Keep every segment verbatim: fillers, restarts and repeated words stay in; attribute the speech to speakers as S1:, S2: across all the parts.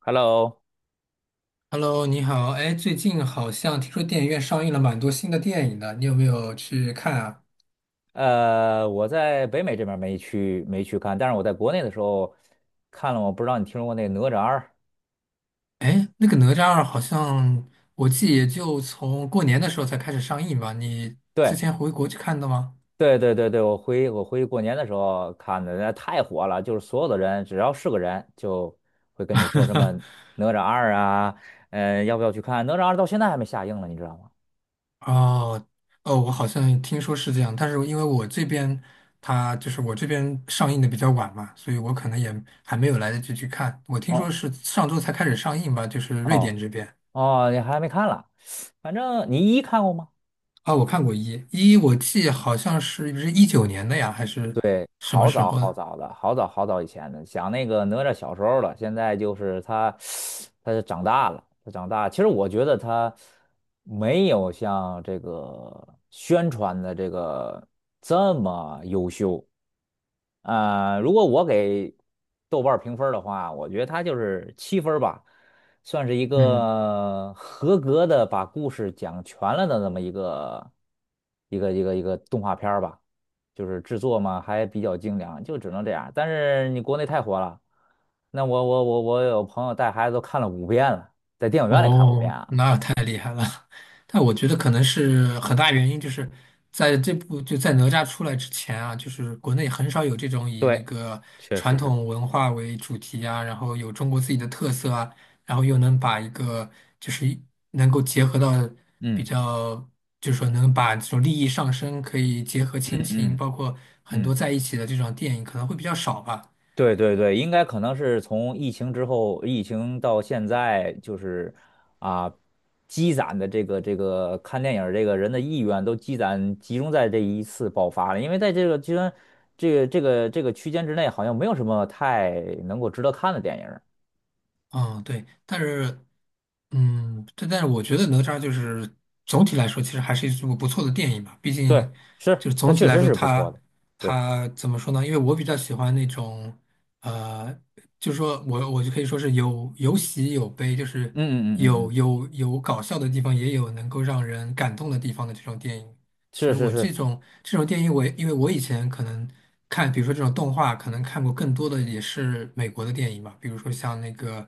S1: Hello，
S2: Hello，你好。哎，最近好像听说电影院上映了蛮多新的电影的，你有没有去看啊？
S1: 呃，我在北美这边儿没去没去看，但是我在国内的时候看了，我不知道你听说过那个哪吒二？
S2: 哎，那个哪吒二好像我记也就从过年的时候才开始上映吧？你之
S1: 对
S2: 前回国去看的吗？
S1: 对对对对，我回我回去过年的时候看的，那太火了，就是所有的人只要是个人就会跟你说什么哪吒二啊，呃，要不要去看？哪吒二到现在还没下映了，你知道吗？
S2: 哦，哦，我好像听说是这样，但是因为我这边它就是我这边上映的比较晚嘛，所以我可能也还没有来得及去看。我听说
S1: 哦
S2: 是上周才开始上映吧，就是瑞
S1: 哦
S2: 典这边。
S1: 哦，你还没看了，反正你一看过吗？
S2: 啊，我看过一一，我记好像是是一九年的呀，还是
S1: 对，
S2: 什么
S1: 好
S2: 时
S1: 早
S2: 候
S1: 好
S2: 的？
S1: 早的，好早好早以前的，想那个哪吒小时候了，现在就是他，他长大了，他长大。其实我觉得他没有像这个宣传的这个这么优秀。呃，如果我给豆瓣儿评分儿的话，我觉得他就是七分儿吧，算是一
S2: 嗯，
S1: 个合格的把故事讲全了的那么一个一个一个一个动画片儿吧。就是制作嘛，还比较精良，就只能这样。但是你国内太火了，那我我我我有朋友带孩子都看了五遍了，在电影院里看五遍
S2: 哦，
S1: 啊。
S2: 那但我觉得可能是很大原因，就是在这部就在哪吒出来之前啊，就是国内很少有这种以那
S1: 对，
S2: 个
S1: 确
S2: 传
S1: 实是，
S2: 统文化为主题啊，然后有中国自己的特色啊，然后又能把一个就是一能够结合到比
S1: 嗯
S2: 较，就是说能把这种利益上升，可以结合
S1: 嗯
S2: 亲情，
S1: 嗯
S2: 包括很多
S1: 嗯，
S2: 在一起的这种电影，可能会比较少吧。
S1: 对对对，应该可能是从疫情之后，疫情到现在，就是啊，积攒的这个这个看电影儿这个人的意愿都积攒集中在这一次爆发了，因为在这个居然这个这个这个区间之内，好像没有什么太能够值得看的电影。
S2: 嗯，对，但是，嗯，对，但是我觉得哪吒就是总体来说，其实还是一部不错的电影吧。毕
S1: 对，
S2: 竟，就
S1: 是，
S2: 是
S1: 他
S2: 总体
S1: 确
S2: 来
S1: 实
S2: 说
S1: 是不错
S2: 它，
S1: 的。对，
S2: 它怎么说呢？因为我比较喜欢那种，呃，就是说我我就可以说是有有喜有悲，就是
S1: 嗯嗯嗯嗯嗯，
S2: 有有有搞笑的地方，也有能够让人感动的地方的这种电影。其
S1: 是
S2: 实
S1: 是
S2: 我
S1: 是，
S2: 这种这种电影我也因为我以前可能看，比如说这种动画，可能看过更多的也是美国的电影吧，比如说像那个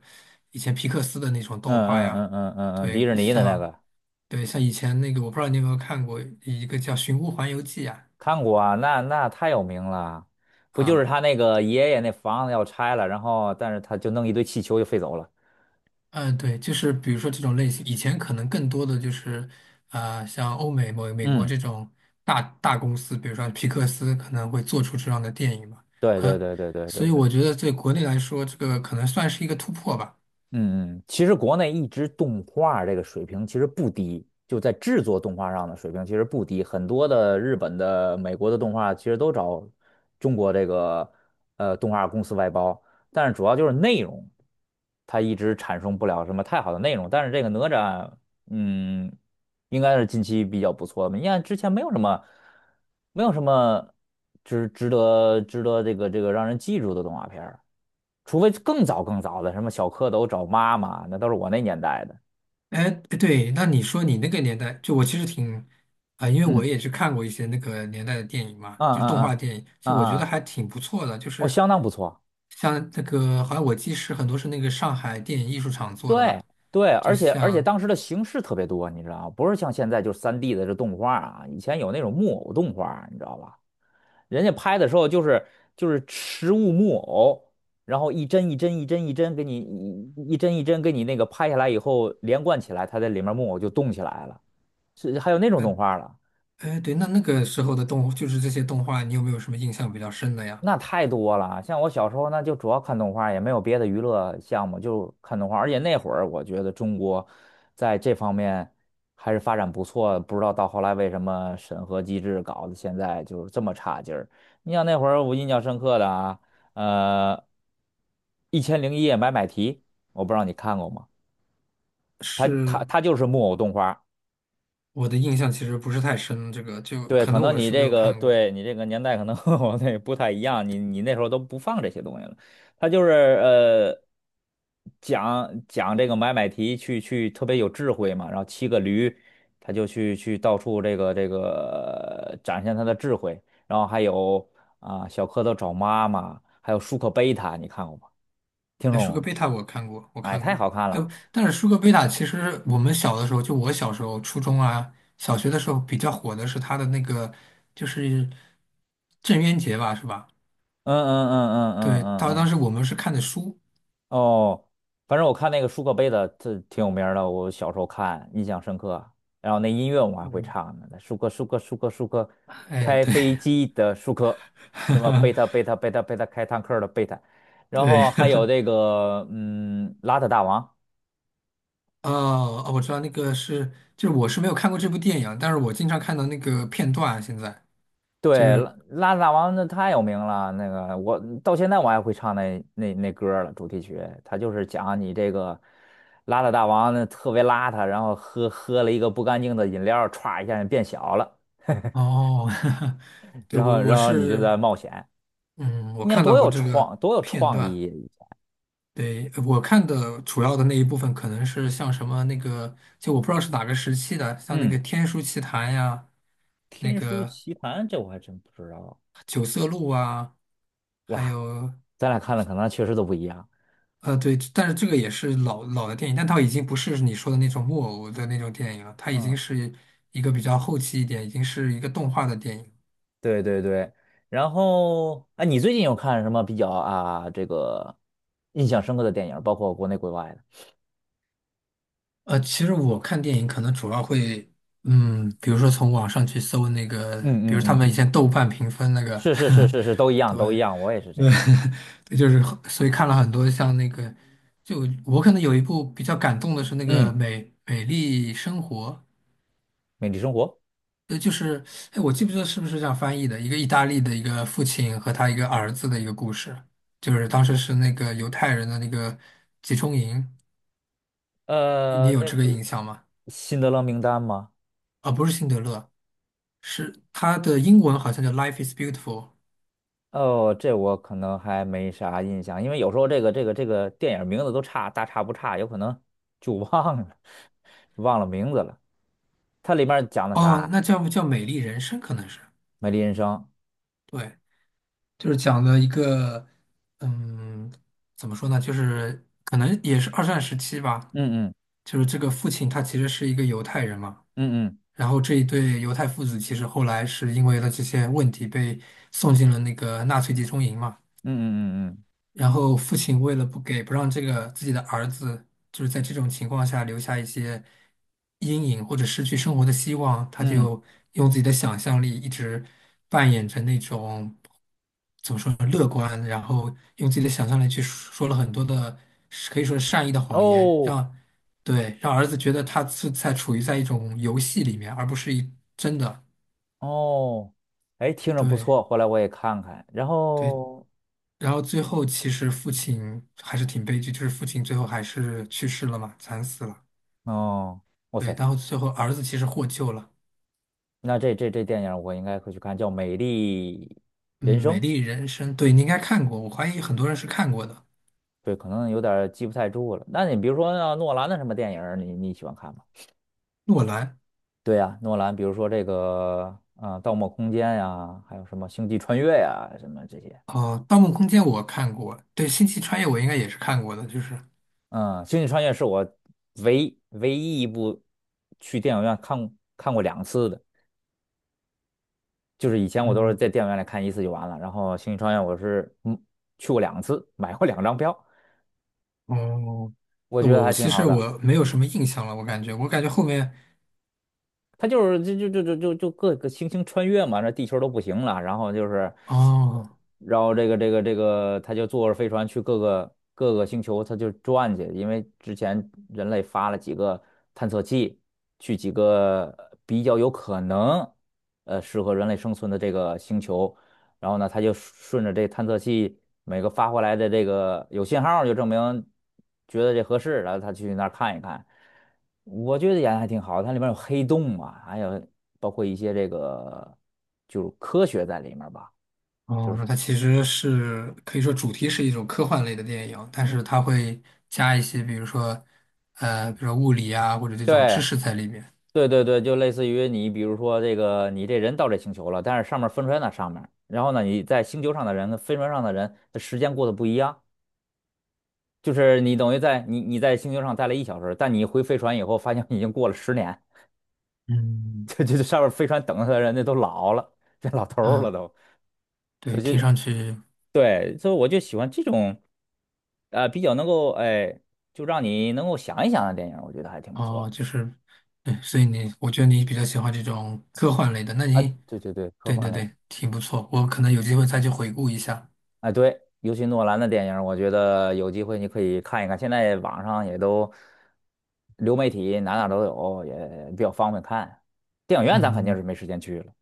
S2: 以前皮克斯的那种
S1: 嗯
S2: 动画
S1: 嗯嗯
S2: 呀，
S1: 嗯嗯嗯，迪
S2: 对，
S1: 士尼的那
S2: 像
S1: 个
S2: 对像以前那个，我不知道你有没有看过一个叫《寻乌环游记》啊，
S1: 看过啊，那那太有名了。不就是
S2: 啊。
S1: 他那个爷爷那房子要拆了，然后但是他就弄一堆气球就飞走了。
S2: 嗯，呃对，就是比如说这种类型，以前可能更多的就是，呃，像欧美、美美国
S1: 嗯，
S2: 这种大大公司，比如说皮克斯可能会做出这样的电影嘛。
S1: 对对
S2: 可，
S1: 对对对
S2: 所
S1: 对
S2: 以
S1: 对。
S2: 我觉得在国内来说，这个可能算是一个突破吧。
S1: 嗯嗯，其实国内一直动画这个水平其实不低，就在制作动画上的水平其实不低，很多的日本的、美国的动画其实都找中国这个呃动画公司外包，但是主要就是内容，它一直产生不了什么太好的内容。但是这个哪吒，嗯，应该是近期比较不错的，你看之前没有什么，没有什么值值得值得这个这个让人记住的动画片儿。除非更早更早的，什么小蝌蚪找妈妈，那都是我那年代的。
S2: 哎，对，那你说你那个年代，就我其实挺，啊、因为我也
S1: 嗯
S2: 去看过一些那个年代的电影嘛，
S1: 嗯
S2: 就是
S1: 嗯
S2: 动画
S1: 嗯
S2: 电影，就我觉
S1: 嗯
S2: 得
S1: 嗯，
S2: 还挺不错的，就
S1: 哦，
S2: 是
S1: 相当不错。
S2: 像那个，好像我记是很多是那个上海电影艺术厂做的吧。
S1: 对对，
S2: 就
S1: 而且而且
S2: 像，
S1: 当时的形式特别多，你知道吗，不是像现在就是三 D 的这动画啊，以前有那种木偶动画，你知道吧？人家拍的时候就是就是实物木偶，然后一帧一帧一帧一帧给你一一帧一帧给你那个拍下来以后连贯起来，它在里面木偶就动起来了，是还有那种
S2: 呃，
S1: 动画了。
S2: 哎，对，那那个时候的动，就是这些动画，你有没有什么印象比较深的呀？
S1: 那太多了，像我小时候那就主要看动画，也没有别的娱乐项目，就看动画。而且那会儿我觉得中国在这方面还是发展不错，不知道到后来为什么审核机制搞得现在就是这么差劲儿。你像那会儿我印象深刻的啊，呃，《一千零一夜》买买提，我不知道你看过吗？它
S2: 是
S1: 它它就是木偶动画，
S2: 我的印象其实不是太深，这个就
S1: 对，
S2: 可
S1: 可
S2: 能
S1: 能
S2: 我
S1: 你
S2: 是没
S1: 这
S2: 有
S1: 个
S2: 看过。
S1: 对你这个年代可能和 我那不太一样，你你那时候都不放这些东西了，他就是呃讲讲这个买买提去去特别有智慧嘛，然后骑个驴，他就去去到处这个这个呃展现他的智慧，然后还有啊、小蝌蚪找妈妈，还有舒克贝塔，你看过吗？听
S2: 哎，
S1: 说
S2: 舒
S1: 过
S2: 克
S1: 吗？
S2: 贝塔我看过，我
S1: 哎，
S2: 看
S1: 太好
S2: 过。
S1: 看
S2: 哎，
S1: 了，
S2: 但是舒克贝塔其实我们小的时候，就我小时候，初中啊、小学的时候比较火的是他的那个，就是郑渊洁吧，是吧？
S1: 嗯嗯嗯嗯嗯
S2: 对，他
S1: 嗯嗯。
S2: 当
S1: 嗯
S2: 时我们是看的书。
S1: 哦，反正我看那个舒克贝塔，这挺有名儿的，我小时候看，印象深刻。然后那音乐我还会
S2: 嗯。
S1: 唱呢，那舒克舒克舒克舒克，
S2: 哎，
S1: 开
S2: 对，
S1: 飞机的舒克，什么贝塔贝 塔贝塔贝塔开坦克的贝塔，然
S2: 对。
S1: 后还有这个嗯，邋遢大王。
S2: 哦哦，我知道那个是，就是我是没有看过这部电影，但是我经常看到那个片段啊。现在就
S1: 对，
S2: 是
S1: 拉拉大王那太有名了，那个我到现在我还会唱那那那歌儿了，主题曲，他就是讲你这个邋遢大王呢特别邋遢，然后喝喝了一个不干净的饮料，歘一下就变小了，
S2: 哦，对
S1: 然后
S2: 我我
S1: 然后你就
S2: 是
S1: 在冒险，
S2: 嗯，我
S1: 你看
S2: 看
S1: 多
S2: 到过
S1: 有
S2: 这个
S1: 创多有
S2: 片
S1: 创
S2: 段。
S1: 意，
S2: 对，我看的主要的那一部分可能是像什么那个，就我不知道是哪个时期的，像那
S1: 嗯，
S2: 个《天书奇谭》呀，那
S1: 《天书
S2: 个
S1: 奇谭》这我还真不知道，
S2: 《九色鹿》啊，还
S1: 哇，
S2: 有
S1: 咱俩看的可能确实都不一样，
S2: 呃，对，但是这个也是老老的电影，但它已经不是你说的那种木偶的那种电影了，它已
S1: 嗯。
S2: 经是一个比较后期一点，已经是一个动画的电影。
S1: 对对对，然后啊，你最近有看什么比较啊这个印象深刻的电影，包括国内国外的？
S2: 呃，其实我看电影可能主要会，嗯，比如说从网上去搜那个，比
S1: 嗯嗯
S2: 如他
S1: 嗯
S2: 们以前豆瓣评分那个，
S1: 是是是是是，都一 样
S2: 对，
S1: 都一样，我也是这
S2: 对
S1: 样儿
S2: 对，就是所以看了很多像那个，就我可能有一部比较感动的是那个
S1: 嗯，
S2: 《美美丽生活》，
S1: 美丽生活，
S2: 呃，就是，哎，我记不记得是不是这样翻译的？一个意大利的一个父亲和他一个儿子的一个故事，就是当时是那个犹太人的那个集中营，你
S1: 呃，
S2: 有
S1: 那
S2: 这个
S1: 不
S2: 印
S1: 是
S2: 象吗？
S1: 辛德勒名单吗？
S2: 啊，不是辛德勒，是他的英文好像叫《Life is Beautiful》，
S1: 哦，这我可能还没啥印象，因为有时候这个这个这个电影名字都差大差不差，有可能就忘了 忘了名字了。它里面讲的啥
S2: 哦，
S1: 啊？
S2: 那叫不叫《美丽人生》？可能是，
S1: 美丽人生。
S2: 对，就是讲了一个，嗯，怎么说呢？就是可能也是二战时期吧，
S1: 嗯嗯
S2: 就是这个父亲他其实是一个犹太人嘛。
S1: 嗯嗯
S2: 然后这一对犹太父子其实后来是因为了这些问题被送进了那个纳粹集中营嘛。
S1: 嗯嗯嗯嗯。
S2: 然后父亲为了不给不让这个自己的儿子，就是在这种情况下留下一些阴影或者失去生活的希望，他
S1: 嗯，
S2: 就用自己的想象力一直扮演着那种怎么说呢，乐观，然后用自己的想象力去说说了很多的可以说是善意的谎言，
S1: 哦
S2: 让对让儿子觉得他是在处于在一种游戏里面，而不是一真的
S1: 哦，哎，听着不
S2: 对。
S1: 错，回来我也看看。然
S2: 对
S1: 后，
S2: 然后最后其实父亲还是挺悲剧，就是父亲最后还是去世了嘛，惨死了。
S1: 哦，哇
S2: 对，
S1: 塞，
S2: 然后最后儿子其实获救了。
S1: 那这这这电影我应该会去看，叫《美丽人
S2: 嗯，
S1: 生》。
S2: 《美丽人生》对，你应该看过，我怀疑很多人是看过的。
S1: 对，可能有点儿记不太住了。那你比如说啊诺兰的什么电影儿你你喜欢看吗？
S2: 诺兰，
S1: 对呀、诺兰，比如说这个啊，呃盗梦空间》呀，还有什么《星际穿越》呀，什么这些。
S2: 哦，《盗梦空间》我看过，对，《星际穿越》我应该也是看过的，就是，
S1: 嗯，《星际穿越》是我唯唯一一部去电影院看看过两次的。就是以前我都是
S2: 嗯，
S1: 在电影院里看一次就完了，然后《星际穿越》我是嗯去过两次，买过两张票，
S2: 哦，
S1: 我
S2: 我
S1: 觉得
S2: 我
S1: 还挺
S2: 其
S1: 好
S2: 实
S1: 的。
S2: 我没有什么印象了，我感觉，我感觉后面，
S1: 它就是就就就就就就各个星星穿越嘛，那地球都不行了，然后就是，呃
S2: 哦。
S1: 然后这个这个这个，他就坐着飞船去各个各个星球，他就转去，因为之前人类发了几个探测器，去几个比较有可能呃适合人类生存的这个星球。然后呢，他就顺着这探测器每个发回来的这个有信号就证明觉得这合适，然后他去那儿看一看。我觉得演的还挺好，它里面有黑洞嘛，还有包括一些这个就是科学在里面吧。
S2: 哦，那它其实是可以说主题是一种科幻类的电影，但是它会加一些，比如说，呃，比如说物理啊，或者这种知
S1: 对
S2: 识在里面。
S1: 对对对，就类似于你比如说这个你这人到这星球了，但是上面分出来那上面然后呢你在星球上的人跟飞船上的人，他时间过得不一样。就是你等于在你你在星球上待了一小时，但你回飞船以后，发现已经过了十年。
S2: 嗯，
S1: 这这这 上面飞船等着他的人，家都老了，变老头儿了
S2: 啊，
S1: 都，所
S2: 对，
S1: 以
S2: 听
S1: 就
S2: 上去
S1: 对，所以我就喜欢这种，呃，比较能够哎，就让你能够想一想的电影，我觉得还挺不错
S2: 哦，
S1: 的
S2: 就是，对，所以你，我觉得你比较喜欢这种科幻类的，那
S1: 啊。
S2: 你，
S1: 对对对，科
S2: 对
S1: 幻
S2: 对
S1: 类，
S2: 对，挺不错，我可能有机会再去回顾一下。
S1: 哎对，尤其诺兰的电影，我觉得有机会你可以看一看，现在网上也都流媒体哪哪都有，也比较方便看。电影院咱肯定是
S2: 嗯，
S1: 没时间去了。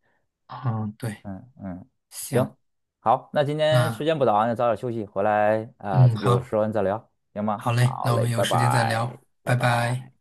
S2: 嗯，对，
S1: 嗯嗯，
S2: 行，
S1: 行，好，那今天时
S2: 那，
S1: 间不早啊，那早点休息，回来啊，
S2: 嗯，
S1: 有
S2: 好，
S1: 时间再聊，行吗？
S2: 好嘞，
S1: 好
S2: 那我
S1: 嘞，
S2: 们有
S1: 拜
S2: 时间再
S1: 拜，
S2: 聊，
S1: 拜
S2: 拜拜。
S1: 拜。